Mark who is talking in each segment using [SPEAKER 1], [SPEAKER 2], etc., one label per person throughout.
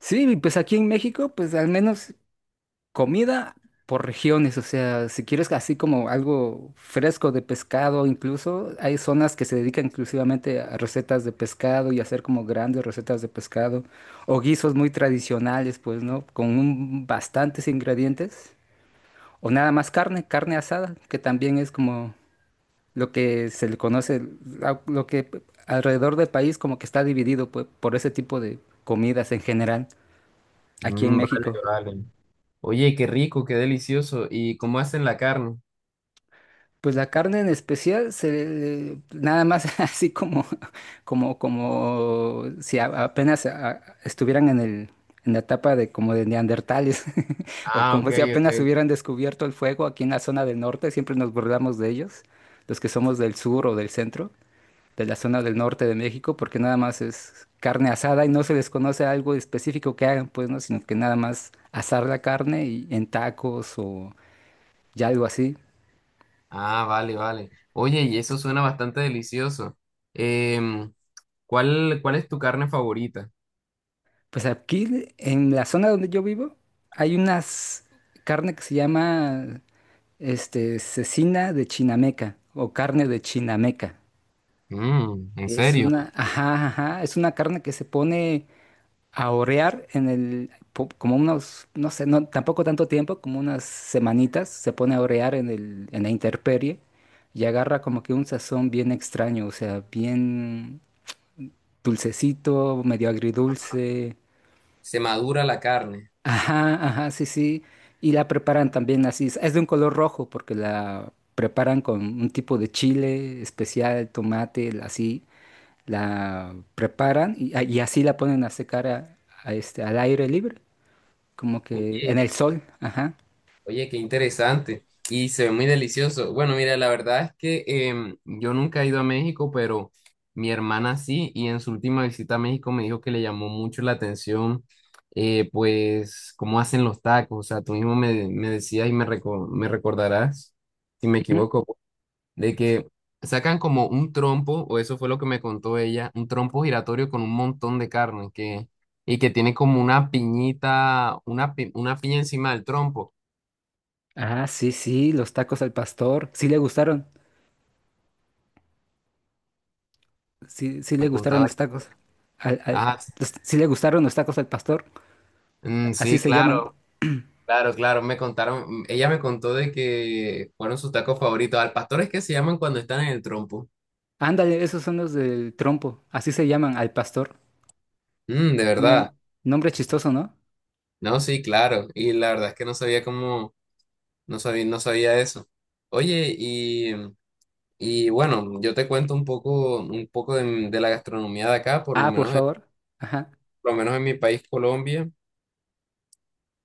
[SPEAKER 1] Sí, y pues aquí en México, pues al menos comida por regiones, o sea, si quieres así como algo fresco de pescado, incluso hay zonas que se dedican exclusivamente a recetas de pescado y hacer como grandes recetas de pescado o guisos muy tradicionales, pues, ¿no? Bastantes ingredientes o nada más carne, carne asada, que también es como lo que se le conoce, la- lo que p- alrededor del país como que está dividido, pues, por ese tipo de comidas en general aquí en
[SPEAKER 2] Mm, vale,
[SPEAKER 1] México.
[SPEAKER 2] vale. Oye, qué rico, qué delicioso. ¿Y cómo hacen la carne?
[SPEAKER 1] Pues la carne en especial, se, nada más así como, como si apenas estuvieran en la etapa de como de neandertales, o
[SPEAKER 2] Ah, ok,
[SPEAKER 1] como si apenas
[SPEAKER 2] ok.
[SPEAKER 1] hubieran descubierto el fuego aquí en la zona del norte, siempre nos burlamos de ellos, los que somos del sur o del centro, de la zona del norte de México, porque nada más es carne asada y no se les conoce algo específico que hagan, pues, ¿no? Sino que nada más asar la carne y en tacos o ya algo así.
[SPEAKER 2] Ah, vale, vale. Oye, y eso suena bastante delicioso. Em, ¿cuál es tu carne favorita?
[SPEAKER 1] Pues aquí, en la zona donde yo vivo, hay unas carne que se llama cecina de Chinameca o carne de Chinameca.
[SPEAKER 2] Mm, ¿en
[SPEAKER 1] Es
[SPEAKER 2] serio?
[SPEAKER 1] una, ajá, ajá, es una carne que se pone a orear como unos, no sé, no, tampoco tanto tiempo, como unas semanitas, se pone a orear en la intemperie y agarra como que un sazón bien extraño, o sea, bien dulcecito, medio agridulce.
[SPEAKER 2] Se madura la carne.
[SPEAKER 1] Ajá, ajá, sí, sí. Y la preparan también así. Es de un color rojo porque la preparan con un tipo de chile especial, tomate, así. La preparan y así la ponen a secar al aire libre, como que en el
[SPEAKER 2] Oye,
[SPEAKER 1] sol. Ajá.
[SPEAKER 2] Oye, qué interesante. Y se ve muy delicioso. Bueno, mira, la verdad es que yo nunca he ido a México, pero mi hermana sí, y en su última visita a México me dijo que le llamó mucho la atención, pues, cómo hacen los tacos. O sea, tú mismo me decías y me recordarás, si me
[SPEAKER 1] Ujú.
[SPEAKER 2] equivoco, de que sacan como un trompo, o eso fue lo que me contó ella, un trompo giratorio con un montón de carne que, y que tiene como una piñita, una piña encima del trompo.
[SPEAKER 1] Ah, sí, sí, los tacos al pastor. Sí le gustaron. Sí, sí le
[SPEAKER 2] Me
[SPEAKER 1] gustaron
[SPEAKER 2] contaba.
[SPEAKER 1] los tacos. Al, al-
[SPEAKER 2] Ah, s-
[SPEAKER 1] sí le gustaron los tacos al pastor.
[SPEAKER 2] mm,
[SPEAKER 1] Así
[SPEAKER 2] sí,
[SPEAKER 1] se llaman.
[SPEAKER 2] claro, claro, claro. Me contaron, mm, ella me contó de que fueron sus tacos favoritos. Al pastor es que se llaman cuando están en el trompo.
[SPEAKER 1] Ándale, esos son los del trompo. Así se llaman al pastor.
[SPEAKER 2] Mm, de
[SPEAKER 1] Tienen
[SPEAKER 2] verdad.
[SPEAKER 1] nombre chistoso, ¿no?
[SPEAKER 2] No, sí, claro. Y la verdad es que no sabía, no sabía eso. Oye, y, y bueno, yo te cuento un poco, de la gastronomía de acá,
[SPEAKER 1] Ah, por favor. Ajá.
[SPEAKER 2] por lo menos en mi país, Colombia.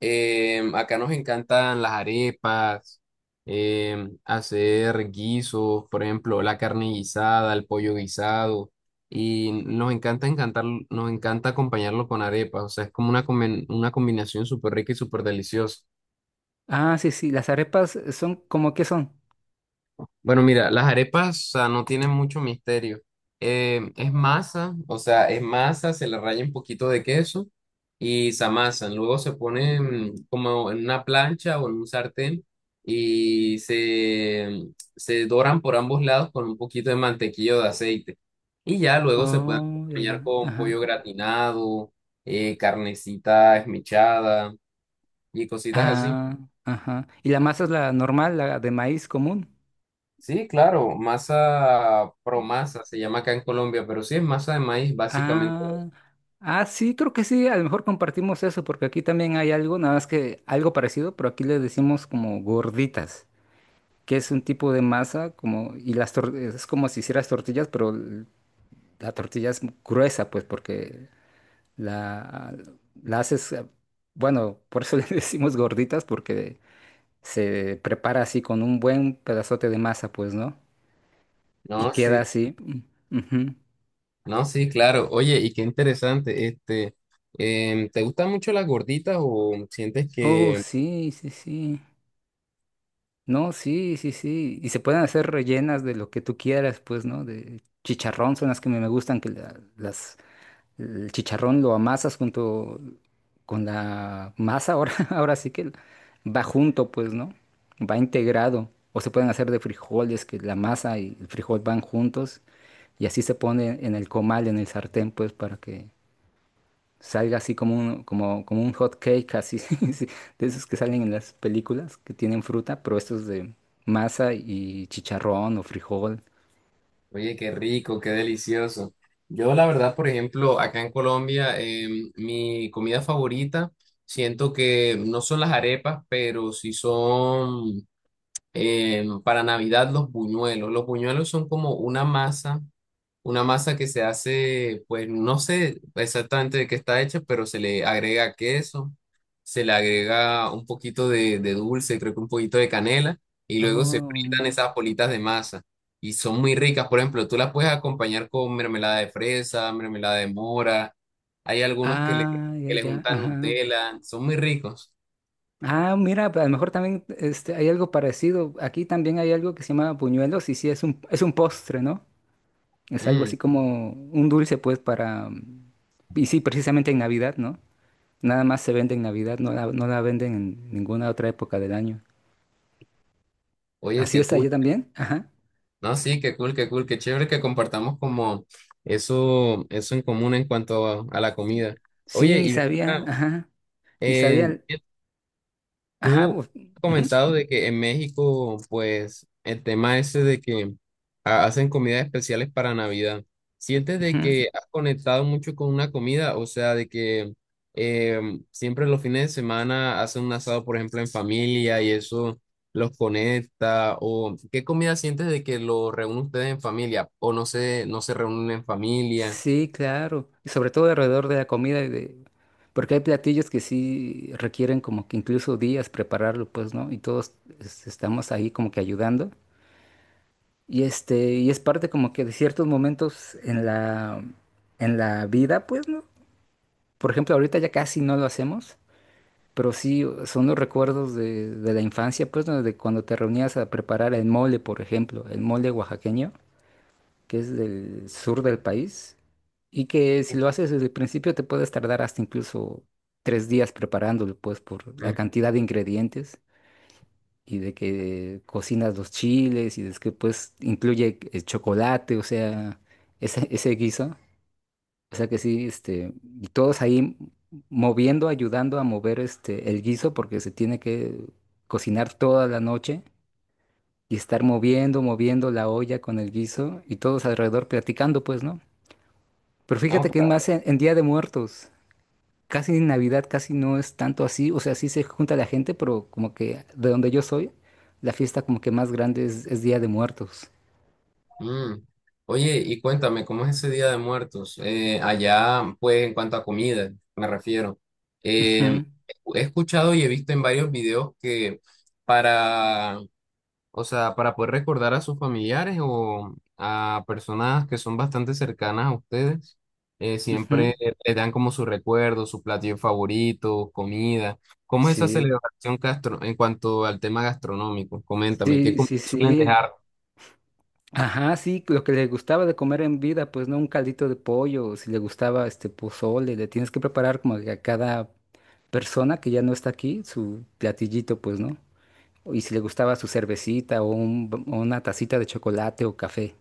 [SPEAKER 2] Acá nos encantan las arepas, hacer guisos, por ejemplo, la carne guisada, el pollo guisado, y nos encanta acompañarlo con arepas, o sea, es como una combinación súper rica y súper deliciosa.
[SPEAKER 1] Ah, sí, sí. Las arepas son como que son.
[SPEAKER 2] Bueno, mira, las arepas, o sea, no tienen mucho misterio. Es masa, o sea, es masa, se le raya un poquito de queso y se amasan. Luego se ponen como en una plancha o en un sartén y se, se doran por ambos lados con un poquito de mantequilla o de aceite. Y ya luego se pueden
[SPEAKER 1] Oh, ya,
[SPEAKER 2] acompañar
[SPEAKER 1] ya.
[SPEAKER 2] con pollo
[SPEAKER 1] Ajá.
[SPEAKER 2] gratinado, carnecita esmechada y cositas así.
[SPEAKER 1] Ah, ajá. ¿Y la masa es la normal, la de maíz común?
[SPEAKER 2] Sí, claro, masa promasa se llama acá en Colombia, pero sí es masa de maíz básicamente.
[SPEAKER 1] Ah, ah, sí, creo que sí. A lo mejor compartimos eso, porque aquí también hay algo, nada más que algo parecido, pero aquí le decimos como gorditas, que es un tipo de masa como, y es como si hicieras tortillas, pero la tortilla es gruesa, pues, porque La, la haces, bueno, por eso le decimos gorditas, porque se prepara así con un buen pedazote de masa, pues, ¿no?
[SPEAKER 2] No,
[SPEAKER 1] Y queda
[SPEAKER 2] sí,
[SPEAKER 1] así. Mm, ujú.
[SPEAKER 2] no, sí, claro. Oye, y qué interesante, este, ¿te gustan mucho las gorditas o sientes
[SPEAKER 1] Oh,
[SPEAKER 2] que,
[SPEAKER 1] sí, sí, sí. No, sí, sí, sí. Y se pueden hacer rellenas de lo que tú quieras, pues, ¿no? De chicharrón son las que me gustan, que las. El chicharrón lo amasas junto con la masa, ahora, ahora sí que va junto, pues, ¿no? Va integrado. O se pueden hacer de frijoles, que la masa y el frijol van juntos. Y así se pone en el comal, en el sartén, pues, para que salga así como como un hot cake, así, sí, de esos que salen en las películas, que tienen fruta, pero estos de masa y chicharrón o frijol.
[SPEAKER 2] oye, qué rico, qué delicioso? Yo la verdad, por ejemplo, acá en Colombia, mi comida favorita, siento que no son las arepas, pero sí son para Navidad los buñuelos. Los buñuelos son como una masa. Una masa que se hace, pues no sé exactamente de qué está hecha, pero se le agrega queso, se le agrega un poquito de dulce, creo que un poquito de canela, y luego se
[SPEAKER 1] Oh,
[SPEAKER 2] fritan esas bolitas de masa. Y son muy ricas, por ejemplo, tú las puedes acompañar con mermelada de fresa, mermelada de mora, hay algunos
[SPEAKER 1] ah, ya,
[SPEAKER 2] que le
[SPEAKER 1] ya,
[SPEAKER 2] juntan
[SPEAKER 1] ajá.
[SPEAKER 2] Nutella, son muy ricos.
[SPEAKER 1] Ah, mira, pues, a lo mejor también hay algo parecido. Aquí también hay algo que se llama buñuelos y sí, es un postre, ¿no? Es algo
[SPEAKER 2] Mm,
[SPEAKER 1] así como un dulce, pues, para... y sí, precisamente en Navidad, ¿no? Nada más se vende en Navidad, no la venden en ninguna otra época del año.
[SPEAKER 2] oye,
[SPEAKER 1] ¿Así
[SPEAKER 2] qué
[SPEAKER 1] es
[SPEAKER 2] cool.
[SPEAKER 1] allá también? Ajá.
[SPEAKER 2] No, sí, qué cool, qué cool, qué chévere que compartamos como eso en común en cuanto a la comida.
[SPEAKER 1] Sí,
[SPEAKER 2] Oye,
[SPEAKER 1] ni
[SPEAKER 2] y ven
[SPEAKER 1] sabía,
[SPEAKER 2] acá,
[SPEAKER 1] ajá, ni
[SPEAKER 2] eh,
[SPEAKER 1] sabía. Ajá,
[SPEAKER 2] tú
[SPEAKER 1] pues,
[SPEAKER 2] has
[SPEAKER 1] ujú,
[SPEAKER 2] comentado de que en México, pues, el tema ese de que hacen comidas especiales para Navidad. ¿Sientes de
[SPEAKER 1] ujú.
[SPEAKER 2] que has conectado mucho con una comida? O sea, de que siempre los fines de semana hacen un asado, por ejemplo, en familia y eso los conecta. ¿O qué comida sientes de que lo reúnen ustedes en familia? ¿O no se reúnen en familia?
[SPEAKER 1] Sí, claro. Y sobre todo alrededor de la comida y de... Porque hay platillos que sí requieren como que incluso días prepararlo, pues, ¿no? Y todos estamos ahí como que ayudando. Y este, y es parte como que de ciertos momentos en la vida, pues, ¿no? Por ejemplo, ahorita ya casi no lo hacemos, pero sí son los recuerdos de la infancia, pues, ¿no? De cuando te reunías a preparar el mole, por ejemplo, el mole oaxaqueño, que es del sur del país, y que si lo haces desde el principio te puedes tardar hasta incluso 3 días preparándolo, pues por la
[SPEAKER 2] Mm.
[SPEAKER 1] cantidad de ingredientes y de que cocinas los chiles y de que pues incluye chocolate, o sea, ese guiso. O sea que sí, este, y todos ahí moviendo, ayudando a mover este, el guiso porque se tiene que cocinar toda la noche y estar moviendo, moviendo la olla con el guiso y todos alrededor platicando, pues, ¿no? Pero
[SPEAKER 2] No,
[SPEAKER 1] fíjate que es más en Día de Muertos. Casi en Navidad casi no es tanto así. O sea, sí se junta la gente, pero como que de donde yo soy, la fiesta como que más grande es Día de Muertos.
[SPEAKER 2] mm. Oye, y cuéntame, ¿cómo es ese Día de Muertos? Allá, pues, en cuanto a comida, me refiero. Eh,
[SPEAKER 1] Ujú,
[SPEAKER 2] he escuchado y he visto en varios videos que para, o sea, para poder recordar a sus familiares o a personas que son bastante cercanas a ustedes,
[SPEAKER 1] ujú.
[SPEAKER 2] siempre les dan como su recuerdo, su platillo favorito, comida. ¿Cómo es esa
[SPEAKER 1] Sí,
[SPEAKER 2] celebración gastro en cuanto al tema gastronómico? Coméntame, ¿qué
[SPEAKER 1] sí,
[SPEAKER 2] comidas
[SPEAKER 1] sí,
[SPEAKER 2] suelen
[SPEAKER 1] sí.
[SPEAKER 2] dejar?
[SPEAKER 1] Ajá, sí, lo que le gustaba de comer en vida, pues no, un caldito de pollo, si le gustaba este pozole, le tienes que preparar como que a cada persona que ya no está aquí su platillito, pues, ¿no? Y si le gustaba su cervecita o una tacita de chocolate o café.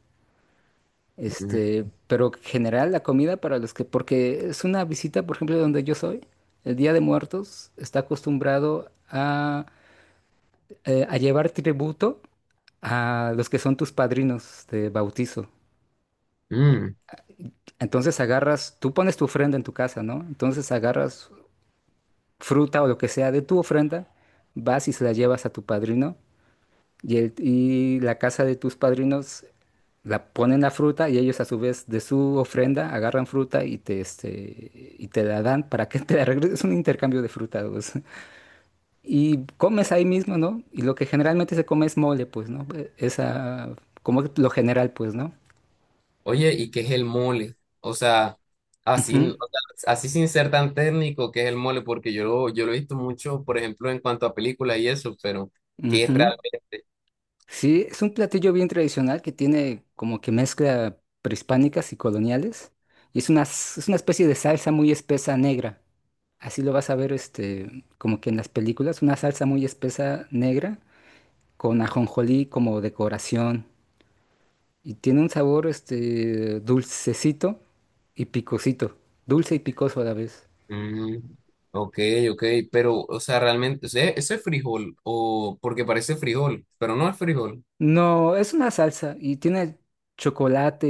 [SPEAKER 2] Mm.
[SPEAKER 1] Este, pero en general la comida para los que, porque es una visita, por ejemplo, donde yo soy, el Día de Muertos está acostumbrado a llevar tributo a los que son tus padrinos de bautizo.
[SPEAKER 2] Mm.
[SPEAKER 1] Entonces agarras, tú pones tu ofrenda en tu casa, ¿no? Entonces agarras fruta o lo que sea de tu ofrenda, vas y se la llevas a tu padrino. Y la casa de tus padrinos la ponen la fruta y ellos a su vez de su ofrenda agarran fruta y te, este, y te la dan para que te la regreses. Es un intercambio de fruta, pues. Y comes ahí mismo, ¿no? Y lo que generalmente se come es mole, pues, ¿no? Esa, como lo general, pues, ¿no?
[SPEAKER 2] Oye, ¿y qué es el mole? O sea, así, o sea, así sin ser tan técnico, ¿qué es el mole? Porque yo lo he visto mucho, por ejemplo, en cuanto a películas y eso, pero
[SPEAKER 1] Ujú,
[SPEAKER 2] ¿qué es
[SPEAKER 1] ujú.
[SPEAKER 2] realmente?
[SPEAKER 1] Sí, es un platillo bien tradicional que tiene como que mezcla prehispánicas y coloniales. Y es una, es una especie de salsa muy espesa negra. Así lo vas a ver, este, como que en las películas, una salsa muy espesa negra con ajonjolí como decoración y tiene un sabor, este, dulcecito y picosito, dulce y picoso a la vez.
[SPEAKER 2] Mm, ok, ok, pero, o sea, realmente, o sea, ¿eso es frijol? O porque parece frijol, pero no es frijol.
[SPEAKER 1] No, es una salsa y tiene chocolate,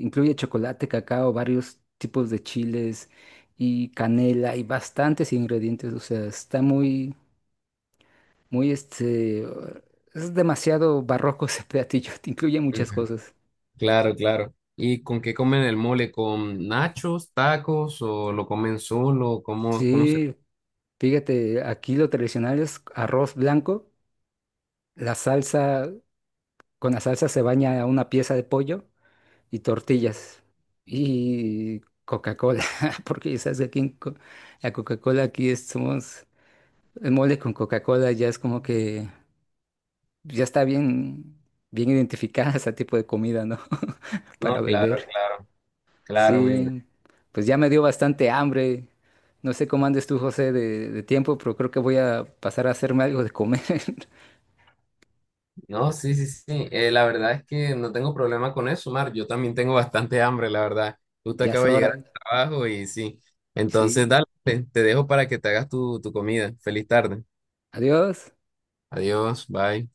[SPEAKER 1] incluye chocolate, cacao, varios tipos de chiles y canela y bastantes ingredientes, o sea, está muy, muy, este, es demasiado barroco ese platillo, te incluye
[SPEAKER 2] Ujú,
[SPEAKER 1] muchas cosas.
[SPEAKER 2] claro, claro. ¿Y con qué comen el mole? ¿Con nachos, tacos o lo comen solo? Cómo se...?
[SPEAKER 1] Sí, fíjate, aquí lo tradicional es arroz blanco, la salsa, con la salsa se baña una pieza de pollo y tortillas y Coca-Cola, porque ya sabes que aquí la Coca-Cola somos, el mole con Coca-Cola ya es como que ya está bien, bien identificada ese tipo de comida, ¿no? Para
[SPEAKER 2] No, claro,
[SPEAKER 1] beber.
[SPEAKER 2] claro, claro, me.
[SPEAKER 1] Sí, pues ya me dio bastante hambre. No sé cómo andes tú, José, de tiempo, pero creo que voy a pasar a hacerme algo de comer.
[SPEAKER 2] No, sí, sí, sí. La verdad es que no tengo problema con eso, Mar. Yo también tengo bastante hambre, la verdad. Justo
[SPEAKER 1] Ya es
[SPEAKER 2] acabo de llegar
[SPEAKER 1] hora.
[SPEAKER 2] al trabajo y sí. Entonces,
[SPEAKER 1] Sí.
[SPEAKER 2] dale, te dejo para que te hagas tu comida. Feliz tarde.
[SPEAKER 1] Adiós.
[SPEAKER 2] Adiós, bye.